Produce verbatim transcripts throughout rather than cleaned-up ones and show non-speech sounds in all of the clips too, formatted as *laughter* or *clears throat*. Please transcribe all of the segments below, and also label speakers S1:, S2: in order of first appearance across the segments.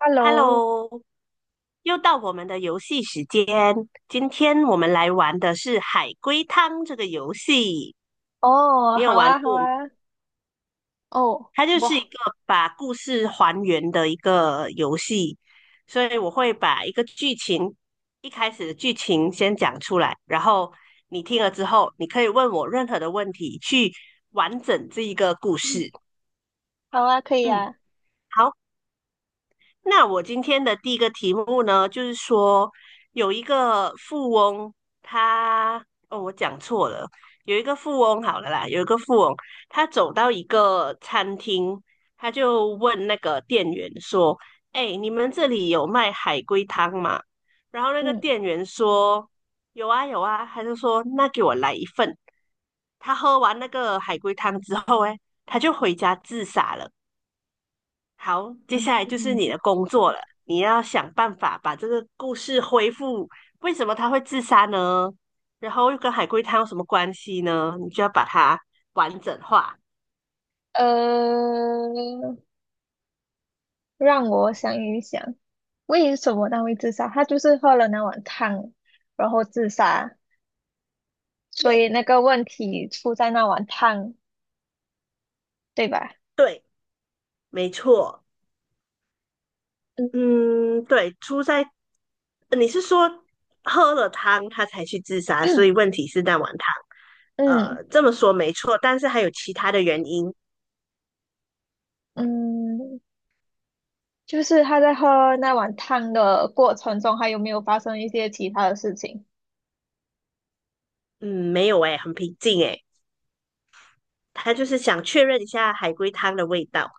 S1: Hello，
S2: Hello，又到我们的游戏时间。今天我们来玩的是海龟汤这个游戏，
S1: 哦，
S2: 你有
S1: 好
S2: 玩
S1: 啊，好
S2: 过吗？
S1: 啊，哦，
S2: 它就是一
S1: 哇，
S2: 个把故事还原的一个游戏，所以我会把一个剧情，一开始的剧情先讲出来，然后你听了之后，你可以问我任何的问题，去完整这一个故事。
S1: 好啊，可以
S2: 嗯，
S1: 啊，
S2: 好。那我今天的第一个题目呢，就是说有一个富翁，他哦，我讲错了，有一个富翁好了啦，有一个富翁，他走到一个餐厅，他就问那个店员说："哎，你们这里有卖海龟汤吗？"然后那个
S1: 嗯，
S2: 店员说："有啊，有啊。"他就说："那给我来一份。"他喝完那个海龟汤之后，哎，他就回家自杀了。好，接下来就是
S1: 嗯，
S2: 你的工作了，你要想办法把这个故事恢复。为什么他会自杀呢？然后又跟海龟汤有什么关系呢？你就要把它完整化。
S1: 呃，让我想一想，为什么他会自杀？他就是喝了那碗汤，然后自杀，所
S2: 对
S1: 以那个问题出在那碗汤，对吧？
S2: 对，没错。嗯，对，出在呃你是说喝了汤他才去自杀，所
S1: 嗯
S2: 以问题是那碗汤。
S1: *clears throat*，嗯
S2: 呃，这么说没错，但是还有其他的原因。
S1: 嗯，就是他在喝那碗汤的过程中，还有没有发生一些其他的事情？
S2: 嗯，没有诶，很平静诶，他就是想确认一下海龟汤的味道。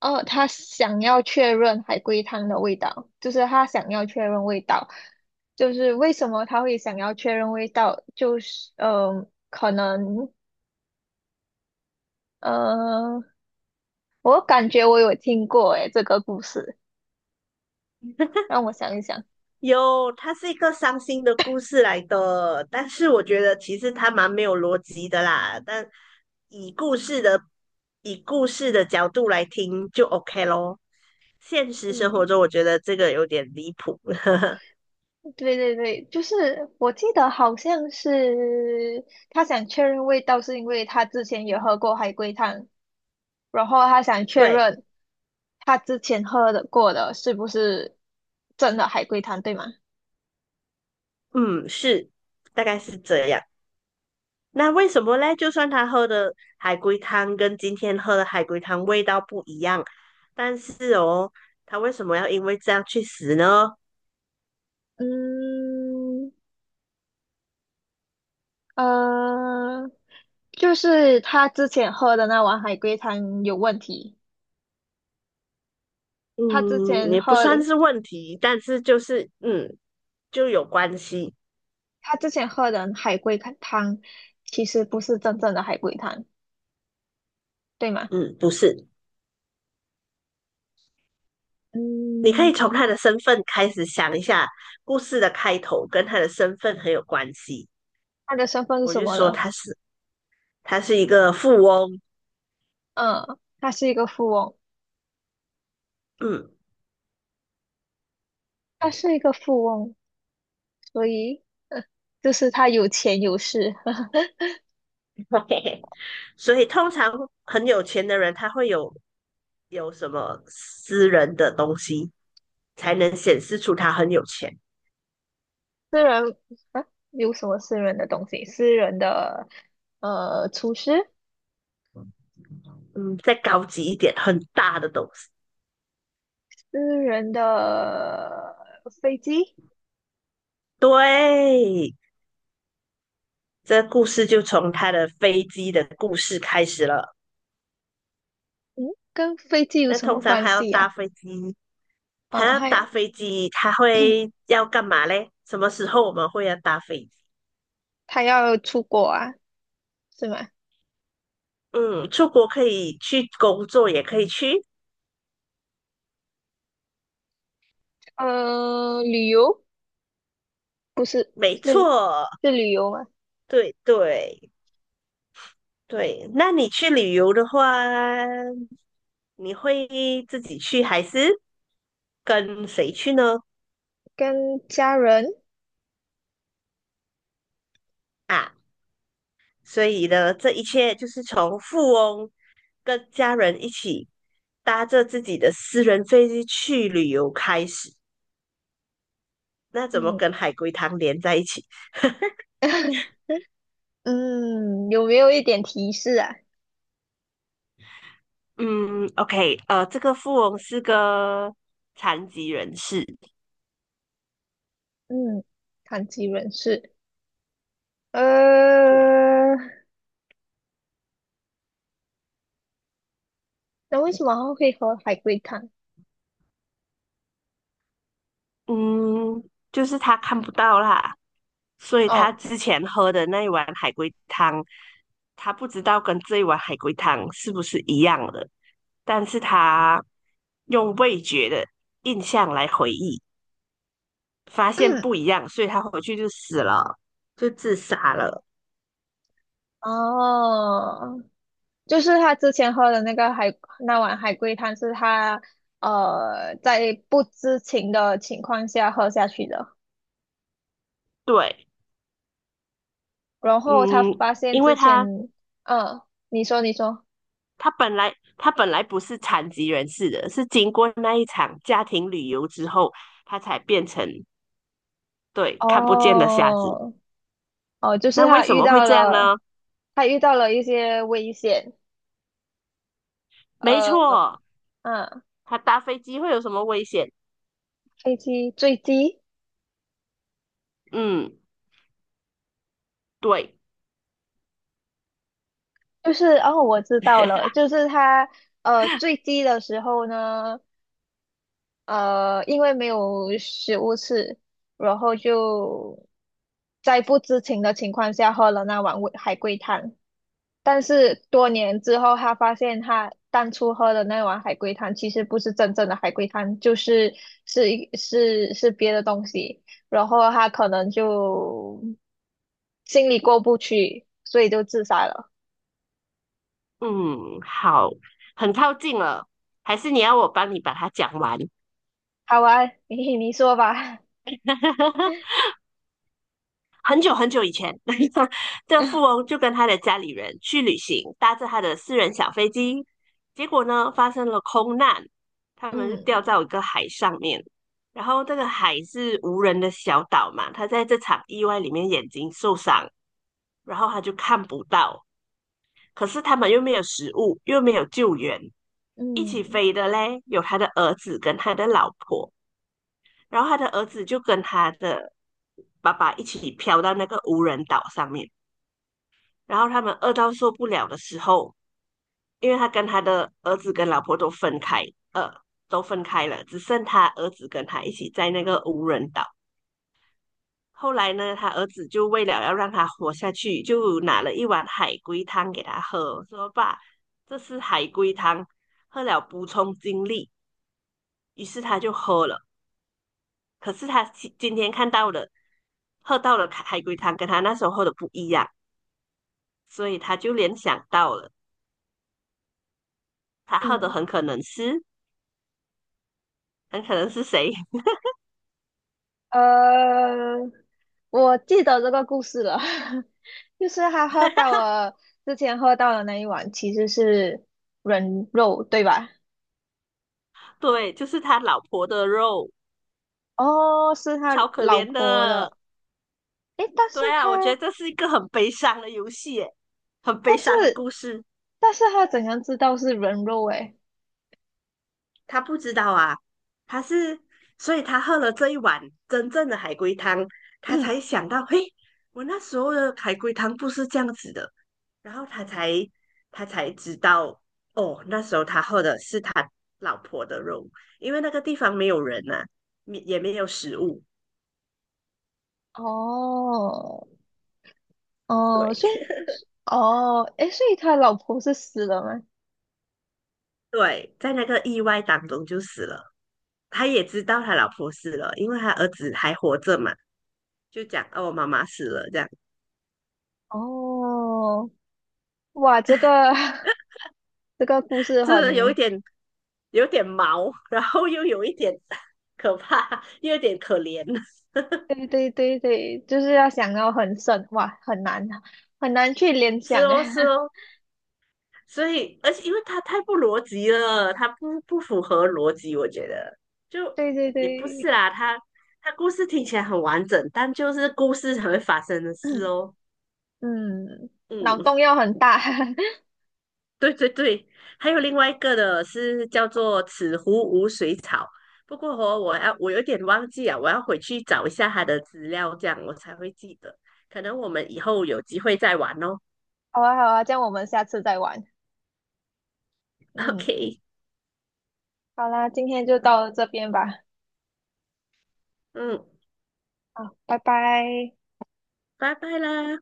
S1: 哦，他想要确认海龟汤的味道，就是他想要确认味道，就是为什么他会想要确认味道，就是嗯、呃可能嗯，我感觉我有听过诶这个故事，让我想一想，
S2: 有，它是一个伤心的故事来的，但是我觉得其实它蛮没有逻辑的啦。但以故事的以故事的角度来听就 OK 咯。现实生活
S1: 嗯，
S2: 中，我觉得这个有点离谱。*laughs*
S1: 对对对，就是我记得好像是他想确认味道，是因为他之前也喝过海龟汤，然后他想确
S2: 对，
S1: 认他之前喝的过的是不是真的海龟汤，对吗？
S2: 嗯，是，大概是这样。那为什么嘞？就算他喝的海龟汤跟今天喝的海龟汤味道不一样，但是哦，他为什么要因为这样去死呢？
S1: 嗯，呃，就是他之前喝的那碗海龟汤有问题。他之
S2: 嗯，
S1: 前
S2: 也不
S1: 喝
S2: 算
S1: 的，
S2: 是问题，但是就是嗯，就有关系。
S1: 他之前喝的海龟汤其实不是真正的海龟汤，对吗？
S2: 嗯，不是，你可以从
S1: 嗯，
S2: 他的身份开始想一下，故事的开头跟他的身份很有关系。
S1: 他的身份是
S2: 我
S1: 什
S2: 就
S1: 么
S2: 说
S1: 了？
S2: 他是他是一个富翁，
S1: 嗯，他是一个富翁，
S2: 嗯，
S1: 他是一个富翁，所以就是他有钱有势，*laughs*
S2: *laughs* 所以通常很有钱的人，他会有有什么私人的东西，才能显示出他很有钱。
S1: 私人啊，有什么私人的东西？私人的呃，厨师。
S2: 嗯，再高级一点，很大的东西。
S1: 私人的飞机，
S2: 对，这故事就从他的飞机的故事开始了。
S1: 嗯，跟飞机有
S2: 那
S1: 什么
S2: 通常
S1: 关
S2: 他要
S1: 系
S2: 搭
S1: 呀、
S2: 飞机，他
S1: 嗯，
S2: 要
S1: 他
S2: 搭飞机，他会要干嘛嘞？什么时候我们会要搭飞机？
S1: 他要出国啊，是吗？
S2: 嗯，出国可以去工作，也可以去，
S1: 呃，旅游不是
S2: 没
S1: 是
S2: 错，
S1: 是旅游吗？
S2: 对对对。那你去旅游的话，你会自己去还是跟谁去呢？
S1: 跟家人，
S2: 啊，所以呢，这一切就是从富翁跟家人一起搭着自己的私人飞机去旅游开始。那怎么
S1: 嗯
S2: 跟海龟汤连在一起？
S1: *laughs* 嗯，有没有一点提示啊？
S2: 嗯，OK,呃，这个富翁是个残疾人士，
S1: 嗯，残疾人士，
S2: 对，
S1: 呃，那为什么它会喝海龟汤？
S2: 嗯，就是他看不到啦，所以他
S1: 哦
S2: 之前喝的那一碗海龟汤，他不知道跟这一碗海龟汤是不是一样的，但是他用味觉的印象来回忆。发现不一样，所以他回去就死了，就自杀了。
S1: 哦，就是他之前喝的那个海，那碗海龟汤是他呃在不知情的情况下喝下去的，
S2: 对，
S1: 然后他
S2: 嗯，
S1: 发现
S2: 因
S1: 之
S2: 为他
S1: 前，嗯，你说你说，
S2: 他本来他本来不是残疾人士的，是经过那一场家庭旅游之后，他才变成对看不见的瞎子。
S1: 哦哦，就是
S2: 那为
S1: 他
S2: 什
S1: 遇
S2: 么会
S1: 到
S2: 这样呢？
S1: 了，他遇到了一些危险，
S2: 没
S1: 呃，
S2: 错，
S1: 嗯，
S2: 他搭飞机会有什么危险？
S1: 飞机坠机，
S2: 嗯，对，
S1: 就是哦，我知道了，
S2: *laughs*
S1: 就是他呃坠机的时候呢。呃，因为没有食物吃，然后就在不知情的情况下喝了那碗味海龟汤。但是多年之后，他发现他当初喝的那碗海龟汤其实不是真正的海龟汤，就是是一是是别的东西。然后他可能就心里过不去，所以就自杀了。
S2: 嗯，好，很靠近了，还是你要我帮你把它讲完？
S1: 好啊，你你说吧。
S2: *laughs* 很久很久以前，*laughs* 这富
S1: *laughs*
S2: 翁就跟他的家里人去旅行，搭着他的私人小飞机，结果呢发生了空难，他们就掉
S1: 嗯
S2: 到一个海上面。然后这个海是无人的小岛嘛，他在这场意外里面眼睛受伤，然后他就看不到。可是他们又没有食物，又没有救援，一起
S1: 嗯
S2: 飞的嘞有他的儿子跟他的老婆，然后他的儿子就跟他的爸爸一起飘到那个无人岛上面。然后他们饿到受不了的时候，因为他跟他的儿子跟老婆都分开，呃，都分开了，只剩他儿子跟他一起在那个无人岛。后来呢，他儿子就为了要让他活下去，就拿了一碗海龟汤给他喝，说："爸，这是海龟汤，喝了补充精力。"于是他就喝了。可是他今今天看到的，喝到的海龟汤跟他那时候喝的不一样，所以他就联想到了，他喝的
S1: 嗯。
S2: 很可能是很可能是谁？
S1: 呃，我记得这个故事了，*laughs* 就是他喝到了之前喝到的那一碗其实是人肉，对吧？
S2: *laughs* 对，就是他老婆的肉，
S1: 哦，是他
S2: 超可
S1: 老
S2: 怜
S1: 婆
S2: 的。
S1: 的，诶，但是
S2: 对啊，我觉
S1: 他，
S2: 得这是一个很悲伤的游戏耶，很
S1: 但
S2: 悲
S1: 是，
S2: 伤的故事。
S1: 但是他怎样知道是人肉？诶，
S2: 他不知道啊，他是，所以他喝了这一碗真正的海龟汤，他才想到，嘿，我那时候的海龟汤不是这样子的。然后他才他才知道，哦，那时候他喝的是他老婆的肉，因为那个地方没有人呐、也没有食物。
S1: 哦，哦，
S2: 对，
S1: 所以，哦，诶，所以他老婆是死了吗？
S2: 对，在那个意外当中就死了。他也知道他老婆死了，因为他儿子还活着嘛，就讲哦，妈妈死了这样，
S1: 哦，哇，这个 *laughs* 这个故事
S2: 这有一
S1: 很
S2: 点有点毛，然后又有一点 *laughs* 可怕，又有点可怜。*laughs*
S1: 对对对对，就是要想到很深，哇，很难很难去联
S2: 是
S1: 想啊。
S2: 哦，是
S1: *laughs*
S2: 哦，所以而且因为他太不逻辑了，他不不符合逻辑，我觉得就
S1: 对对
S2: 也不是
S1: 对，
S2: 啦，他他故事听起来很完整，但就是故事才会发生的事
S1: *clears throat*
S2: 哦。
S1: 嗯，脑
S2: 嗯。
S1: 洞要很大。*laughs*
S2: 对对对，还有另外一个的是叫做此湖无水草，不过哦，我要我有点忘记啊，我要回去找一下它的资料，这样我才会记得。可能我们以后有机会再玩哦。
S1: 好啊好啊，这样我们下次再玩。
S2: *laughs*
S1: 嗯，
S2: OK,
S1: 好啦，今天就到这边吧。
S2: 嗯，
S1: 好，拜拜。
S2: 拜拜啦。